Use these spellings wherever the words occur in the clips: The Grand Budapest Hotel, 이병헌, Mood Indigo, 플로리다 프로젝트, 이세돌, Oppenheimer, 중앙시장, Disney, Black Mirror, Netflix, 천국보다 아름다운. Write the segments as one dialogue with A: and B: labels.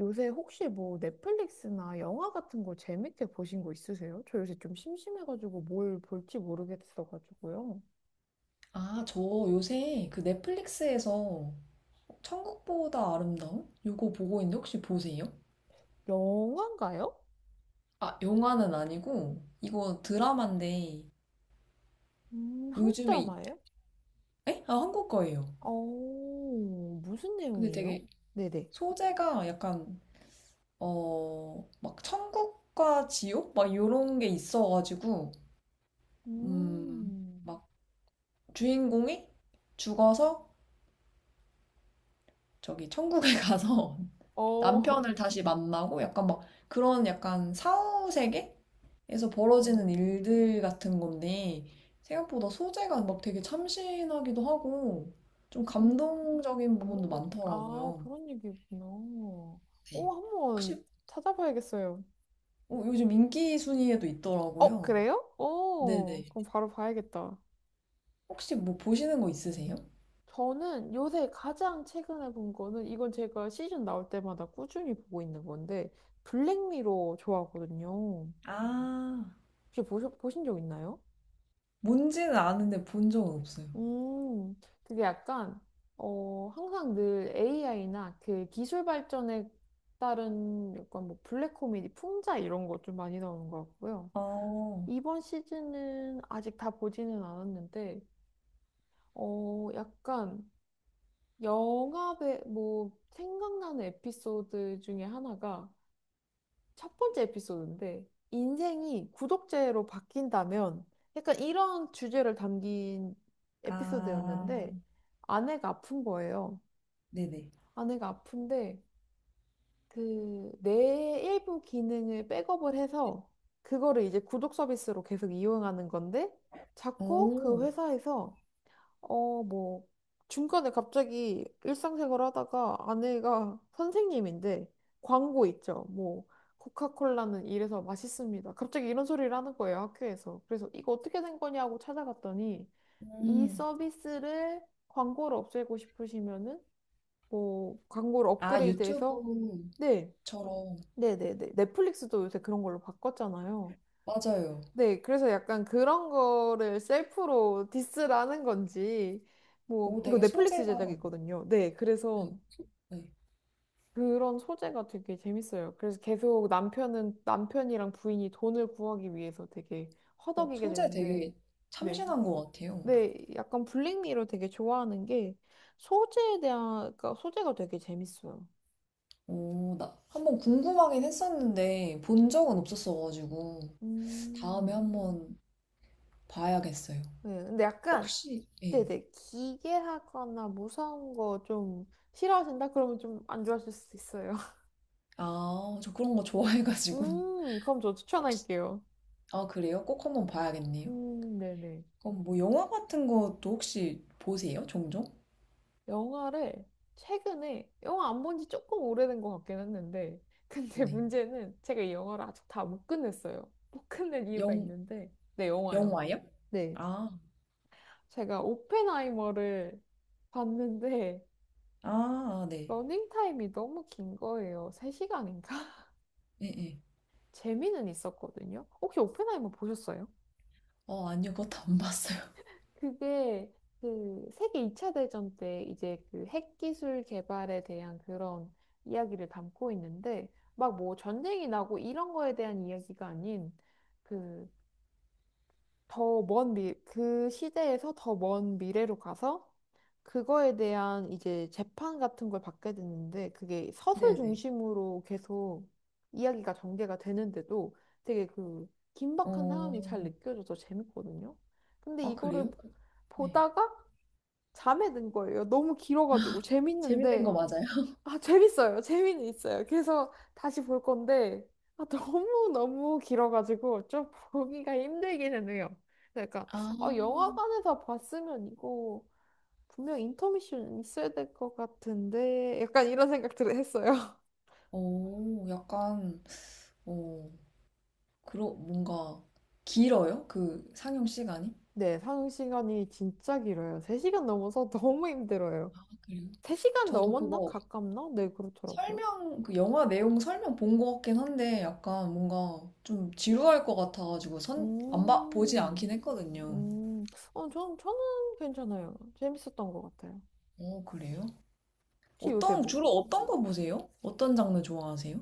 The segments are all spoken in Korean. A: 요새 혹시 뭐 넷플릭스나 영화 같은 거 재밌게 보신 거 있으세요? 저 요새 좀 심심해가지고 뭘 볼지 모르겠어가지고요.
B: 아, 저 요새 그 넷플릭스에서 천국보다 아름다운? 요거 보고 있는데 혹시 보세요?
A: 영화인가요?
B: 아, 영화는 아니고 이거 드라마인데
A: 한국
B: 요즘에
A: 드라마예요?
B: 에? 아, 한국 거예요.
A: 어, 무슨
B: 근데
A: 내용이에요?
B: 되게
A: 네네.
B: 소재가 약간 어, 막 천국과 지옥? 막 요런 게 있어가지고
A: 음.
B: 막 주인공이 죽어서 저기 천국에 가서
A: 어.
B: 남편을 다시 만나고 약간 막 그런 약간 사후 세계에서
A: 어.
B: 벌어지는 일들 같은 건데 생각보다 소재가 막 되게 참신하기도 하고 좀
A: 음.
B: 감동적인 부분도
A: 감동적인. 아,
B: 많더라고요.
A: 그런 얘기구나. 오,
B: 네.
A: 한
B: 혹시
A: 번 찾아봐야겠어요.
B: 어, 요즘 인기 순위에도
A: 어,
B: 있더라고요.
A: 그래요? 오,
B: 네네.
A: 그럼 바로 봐야겠다.
B: 혹시 뭐 보시는 거 있으세요?
A: 저는 요새 가장 최근에 본 거는 이건 제가 시즌 나올 때마다 꾸준히 보고 있는 건데 블랙미러 좋아하거든요.
B: 아,
A: 혹시 보신 적 있나요?
B: 뭔지는 아는데 본 적은 없어요.
A: 음, 그게 약간 항상 늘 AI나 그 기술 발전에 따른 약간 뭐 블랙 코미디 풍자 이런 것 좀 많이 나오는 것 같고요.
B: 어,
A: 이번 시즌은 아직 다 보지는 않았는데 약간 뭐, 생각나는 에피소드 중에 하나가 첫 번째 에피소드인데, 인생이 구독제로 바뀐다면, 약간 이런 주제를 담긴
B: 아,
A: 에피소드였는데, 아내가 아픈 거예요.
B: 네네.
A: 아내가 아픈데, 뇌의 일부 기능을 백업을 해서, 그거를 이제 구독 서비스로 계속 이용하는 건데, 자꾸 그
B: 오,
A: 회사에서 뭐, 중간에 갑자기 일상생활 하다가 아내가 선생님인데 광고 있죠. 뭐, 코카콜라는 이래서 맛있습니다. 갑자기 이런 소리를 하는 거예요, 학교에서. 그래서 이거 어떻게 된 거냐고 찾아갔더니 이
B: 음.
A: 서비스를 광고를 없애고 싶으시면은 뭐, 광고를
B: 아, 유튜브.
A: 업그레이드해서 네,
B: 처럼
A: 네네네. 넷플릭스도 요새 그런 걸로 바꿨잖아요.
B: 맞아요.
A: 네, 그래서 약간 그런 거를 셀프로 디스라는 건지, 뭐,
B: 오,
A: 이거
B: 되게
A: 넷플릭스
B: 소재가
A: 제작이거든요. 네,
B: 네,
A: 그래서
B: 네.
A: 그런 소재가 되게 재밌어요. 그래서 계속 남편이랑 부인이 돈을 구하기 위해서 되게
B: 어,
A: 허덕이게
B: 소재
A: 되는데,
B: 되게
A: 네,
B: 참신한 것 같아요.
A: 네, 약간 블랙미러 되게 좋아하는 게 그러니까 소재가 되게 재밌어요.
B: 오, 나 한번 궁금하긴 했었는데 본 적은 없었어가지고 다음에
A: 음.
B: 한번 봐야겠어요.
A: 네, 근데 약간,
B: 혹시 예.
A: 네네, 기괴하거나 무서운 거 좀 싫어하신다? 그러면 좀 안 좋아하실 수도 있어요.
B: 아, 저 그런 거 좋아해가지고
A: 그럼 저
B: 혹시
A: 추천할게요.
B: 아, 그래요? 꼭 한번 봐야겠네요.
A: 네네.
B: 그럼 뭐 영화 같은 것도 혹시 보세요? 종종?
A: 영화를 최근에, 영화 안 본지 조금 오래된 것 같긴 했는데, 근데
B: 네.
A: 문제는 제가 이 영화를 아직 다 못 끝냈어요. 못 끝낸 이유가
B: 영
A: 있는데, 네, 영화요.
B: 영화요?
A: 네.
B: 아,
A: 제가 오펜하이머를 봤는데,
B: 아, 아, 네.
A: 러닝타임이 너무 긴 거예요. 3시간인가?
B: 예, 예.
A: 재미는 있었거든요. 혹시 오펜하이머 보셨어요?
B: 어, 아니요. 그것도 안 봤어요.
A: 그게 그 세계 2차 대전 때 이제 그 핵기술 개발에 대한 그런 이야기를 담고 있는데 막 뭐 전쟁이 나고 이런 거에 대한 이야기가 아닌 그 그 시대에서 더 먼 미래로 가서 그거에 대한 이제 재판 같은 걸 받게 됐는데 그게 서술
B: 네네.
A: 중심으로 계속 이야기가 전개가 되는데도 되게 그 긴박한
B: 어.
A: 상황이 잘 느껴져서 재밌거든요. 근데
B: 아,
A: 이거를
B: 그래요? 그- 네.
A: 보다가 잠에 든 거예요. 너무 길어가지고
B: 재밌는 거
A: 재밌는데
B: 맞아요?
A: 재밌어요. 재미는 있어요. 그래서 다시 볼 건데 너무 너무 길어가지고 좀 보기가 힘들기는 해요. 그러니까
B: 아,
A: 영화관에서 봤으면 이거 분명 인터미션 있어야 될 것 같은데 약간 이런 생각들을 했어요.
B: 오, 약간, 오 그러, 뭔가, 길어요? 그 상영 시간이?
A: 네, 상영 시간이 진짜 길어요. 3시간 넘어서 너무 힘들어요.
B: 아, 그래요?
A: 3시간
B: 저도
A: 넘었나?
B: 그거
A: 가깝나? 네, 그렇더라고요.
B: 설명, 그 영화 내용 설명 본 것 같긴 한데, 약간 뭔가 좀 지루할 것 같아가지고, 안 봐, 보지 않긴
A: 음,
B: 했거든요.
A: 저는 괜찮아요. 재밌었던 것 같아요.
B: 오, 그래요?
A: 혹시 요새
B: 어떤,
A: 뭐,
B: 주로 어떤 거 보세요? 어떤 장르 좋아하세요?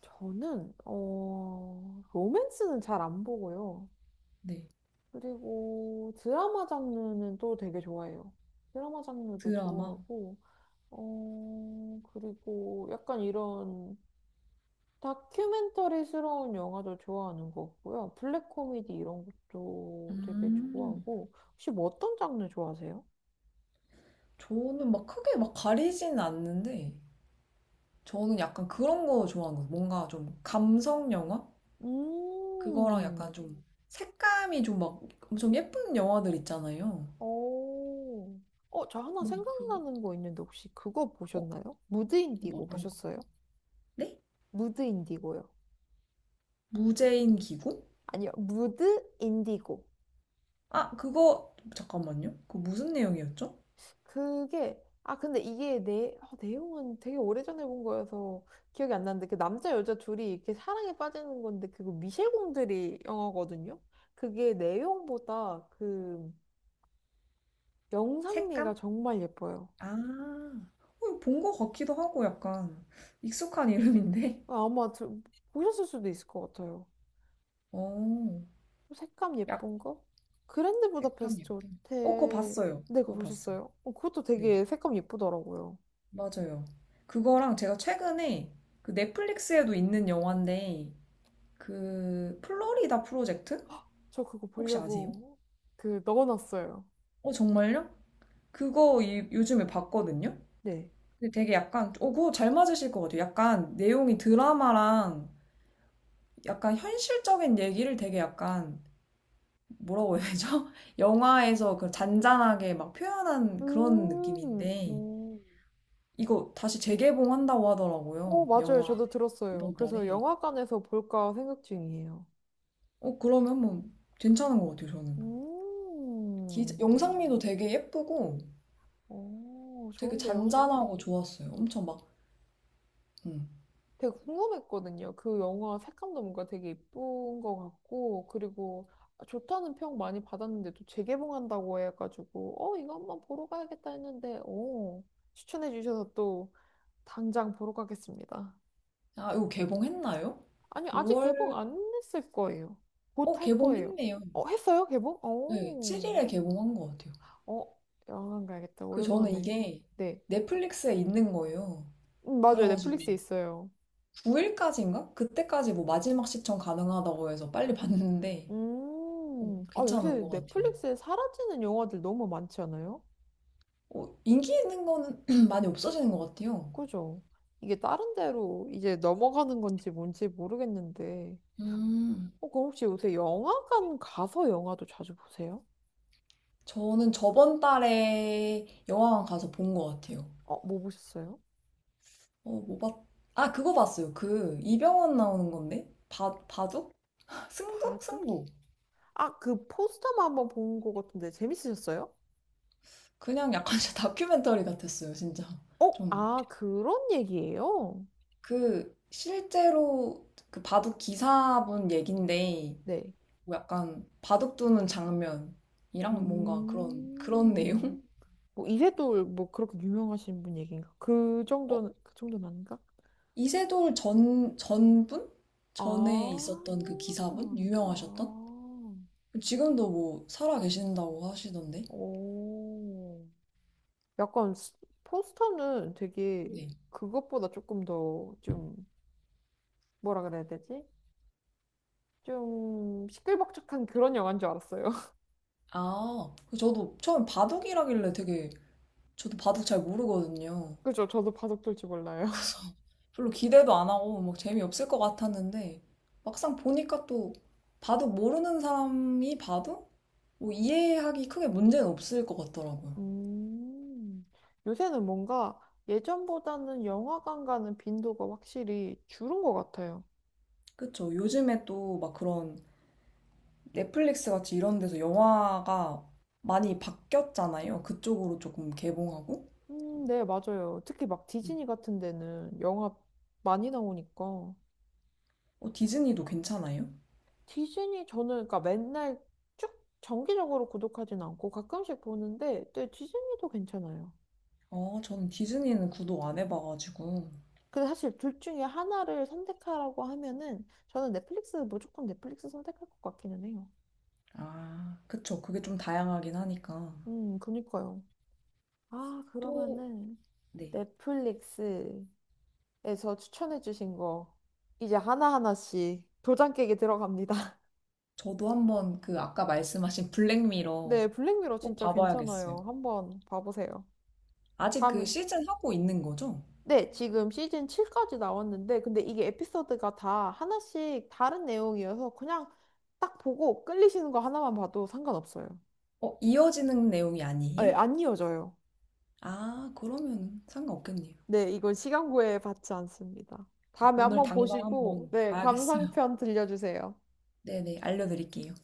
A: 저는, 로맨스는 잘 안 보고요.
B: 네.
A: 그리고 드라마 장르는 또 되게 좋아해요. 드라마 장르도
B: 드라마?
A: 좋아하고, 그리고 약간 이런 다큐멘터리스러운 영화도 좋아하는 거고요. 블랙 코미디 이런 것도 되게
B: 음.
A: 좋아하고. 혹시 뭐 어떤 장르 좋아하세요?
B: 저는 막 크게 막 가리진 않는데, 저는 약간 그런 거 좋아하는 거 같아요. 뭔가 좀 감성 영화? 그거랑 약간
A: 음.
B: 좀 색감이 좀 막 엄청 예쁜 영화들 있잖아요.
A: 오. 저 하나
B: 뭐, 그,
A: 생각나는 거 있는데 혹시 그거
B: 어,
A: 보셨나요? 무드
B: 뭐
A: 인디고
B: 어떤 거?
A: 보셨어요?
B: 네?
A: 무드 인디고요.
B: 무제인 기구?
A: 아니요, 무드 인디고.
B: 아, 그거, 잠깐만요. 그거 무슨 내용이었죠?
A: 그게 근데 이게 내용은 되게 오래전에 본 거여서 기억이 안 나는데 그 남자 여자 둘이 이렇게 사랑에 빠지는 건데 그거 미셸 공들이 영화거든요. 그게 내용보다 그 영상미가
B: 색감?
A: 정말 예뻐요.
B: 아, 어, 본거 같기도 하고 약간 익숙한 이름인데?
A: 아마 보셨을 수도 있을 것 같아요.
B: 어,
A: 색감
B: 약,
A: 예쁜 거? 그랜드
B: 색감
A: 부다페스트
B: 예쁜. 어, 그거
A: 호텔
B: 봤어요.
A: 네 그거
B: 그거 봤어요.
A: 보셨어요? 어, 그것도
B: 네.
A: 되게 색감 예쁘더라고요.
B: 맞아요. 그거랑 제가 최근에 그 넷플릭스에도 있는 영화인데 그 플로리다 프로젝트
A: 저 그거
B: 혹시 아세요?
A: 보려고 그 넣어놨어요.
B: 어 정말요? 그거 요즘에 봤거든요.
A: 네.
B: 근데 되게 약간 어 그거 잘 맞으실 것 같아요. 약간 내용이 드라마랑 약간 현실적인 얘기를 되게 약간 뭐라고 해야 되죠? 영화에서 그 잔잔하게 막 표현한 그런
A: 음,
B: 느낌인데
A: 음.
B: 이거 다시 재개봉한다고 하더라고요.
A: 맞아요.
B: 영화
A: 저도 들었어요.
B: 이번
A: 그래서
B: 달에.
A: 영화관에서 볼까 생각 중이에요.
B: 어, 그러면 뭐 괜찮은 것 같아요, 저는.
A: 음,
B: 영상미도 되게 예쁘고
A: 오,
B: 되게
A: 좋은데요?
B: 잔잔하고 좋았어요. 엄청 막, 음.
A: 되게 궁금했거든요. 그 영화 색감도 뭔가 되게 예쁜 것 같고, 그리고 좋다는 평 많이 받았는데 또 재개봉한다고 해가지고, 이거 한번 보러 가야겠다 했는데, 오, 추천해 주셔서 또 당장 보러 가겠습니다.
B: 아, 이거 개봉했나요?
A: 아니, 아직
B: 5월,
A: 개봉 안 했을 거예요. 곧
B: 어,
A: 할 거예요.
B: 개봉했네요.
A: 어, 했어요? 개봉?
B: 네,
A: 어,
B: 7일에 개봉한 것 같아요.
A: 어, 영화관 가야겠다.
B: 그 저는
A: 오랜만에.
B: 이게
A: 네.
B: 넷플릭스에 있는 거예요.
A: 맞아요.
B: 그래가지고
A: 넷플릭스에 있어요.
B: 9일까지인가? 그때까지 뭐 마지막 시청 가능하다고 해서 빨리 봤는데 어,
A: 아,
B: 괜찮은
A: 요새
B: 것 같아요.
A: 넷플릭스에 사라지는 영화들 너무 많지 않아요?
B: 어, 인기 있는 거는 많이 없어지는 것 같아요.
A: 그죠? 이게 다른 데로 이제 넘어가는 건지 뭔지 모르겠는데.
B: 음.
A: 그럼 혹시 요새 영화관 가서 영화도 자주 보세요?
B: 저는 저번 달에 영화관 가서 본 것 같아요.
A: 뭐 보셨어요?
B: 어, 뭐 봤, 아, 그거 봤어요. 그, 이병헌 나오는 건데? 바둑?
A: 바둑?
B: 승부.
A: 아, 그 포스터만 한번 본 것 같은데 재밌으셨어요?
B: 그냥 약간 진짜 다큐멘터리 같았어요, 진짜.
A: 어?
B: 좀.
A: 아, 그런 얘기예요?
B: 그, 실제로 그 바둑 기사분 얘긴데,
A: 네.
B: 뭐 약간 바둑 두는 장면이랑 뭔가 그런, 그런
A: 음.
B: 내용?
A: 뭐 이세돌 뭐 그렇게 유명하신 분 얘기인가? 그
B: 어,
A: 정도는 그 정도는 아닌가?
B: 전분? 전에
A: 아.
B: 있었던 그 기사분?
A: 아.
B: 유명하셨던? 지금도 뭐 살아 계신다고 하시던데?
A: 오. 약간 포스터는 되게
B: 네.
A: 그것보다 조금 더 좀 뭐라 그래야 되지? 좀 시끌벅적한 그런 영화인 줄 알았어요.
B: 아, 그 저도 처음 바둑이라길래 되게 저도 바둑 잘 모르거든요.
A: 그죠? 저도 바둑 둘 줄 몰라요.
B: 별로 기대도 안 하고 막 재미없을 것 같았는데 막상 보니까 또 바둑 모르는 사람이 봐도 뭐 이해하기 크게 문제는 없을 것 같더라고요.
A: 음, 요새는 뭔가 예전보다는 영화관 가는 빈도가 확실히 줄은 것 같아요.
B: 그쵸. 요즘에 또 막 그런 넷플릭스 같이 이런 데서 영화가 많이 바뀌었잖아요. 그쪽으로 조금 개봉하고.
A: 네, 맞아요. 특히 막 디즈니 같은 데는 영화 많이 나오니까.
B: 어, 디즈니도 괜찮아요?
A: 디즈니 저는 그러니까 맨날 쭉 정기적으로 구독하진 않고 가끔씩 보는데, 네, 디즈니도 괜찮아요.
B: 어, 저는 디즈니는 구독 안 해봐가지고.
A: 근데 사실 둘 중에 하나를 선택하라고 하면은 저는 넷플릭스 무조건 넷플릭스 선택할 것 같기는 해요.
B: 아, 그쵸. 그게 좀 다양하긴 하니까.
A: 그니까요. 아,
B: 또,
A: 그러면은
B: 네.
A: 넷플릭스 에서 추천해주신 거 이제 하나하나씩 도장 깨기 들어갑니다.
B: 저도 한번 그 아까 말씀하신 블랙미러
A: 네, 블랙미러
B: 꼭
A: 진짜
B: 봐봐야겠어요.
A: 괜찮아요. 한번 봐보세요.
B: 아직 그
A: 다음에
B: 시즌 하고 있는 거죠?
A: 네, 지금 시즌 7까지 나왔는데 근데 이게 에피소드가 다 하나씩 다른 내용이어서 그냥 딱 보고 끌리시는 거 하나만 봐도 상관없어요.
B: 어, 이어지는 내용이
A: 네,
B: 아니에요?
A: 안 이어져요.
B: 아, 그러면 상관없겠네요.
A: 네, 이건 시간 구애 받지 않습니다.
B: 아,
A: 다음에
B: 오늘
A: 한번
B: 당장
A: 보시고
B: 한번
A: 네,
B: 봐야겠어요.
A: 감상편 들려주세요.
B: 네네, 알려드릴게요.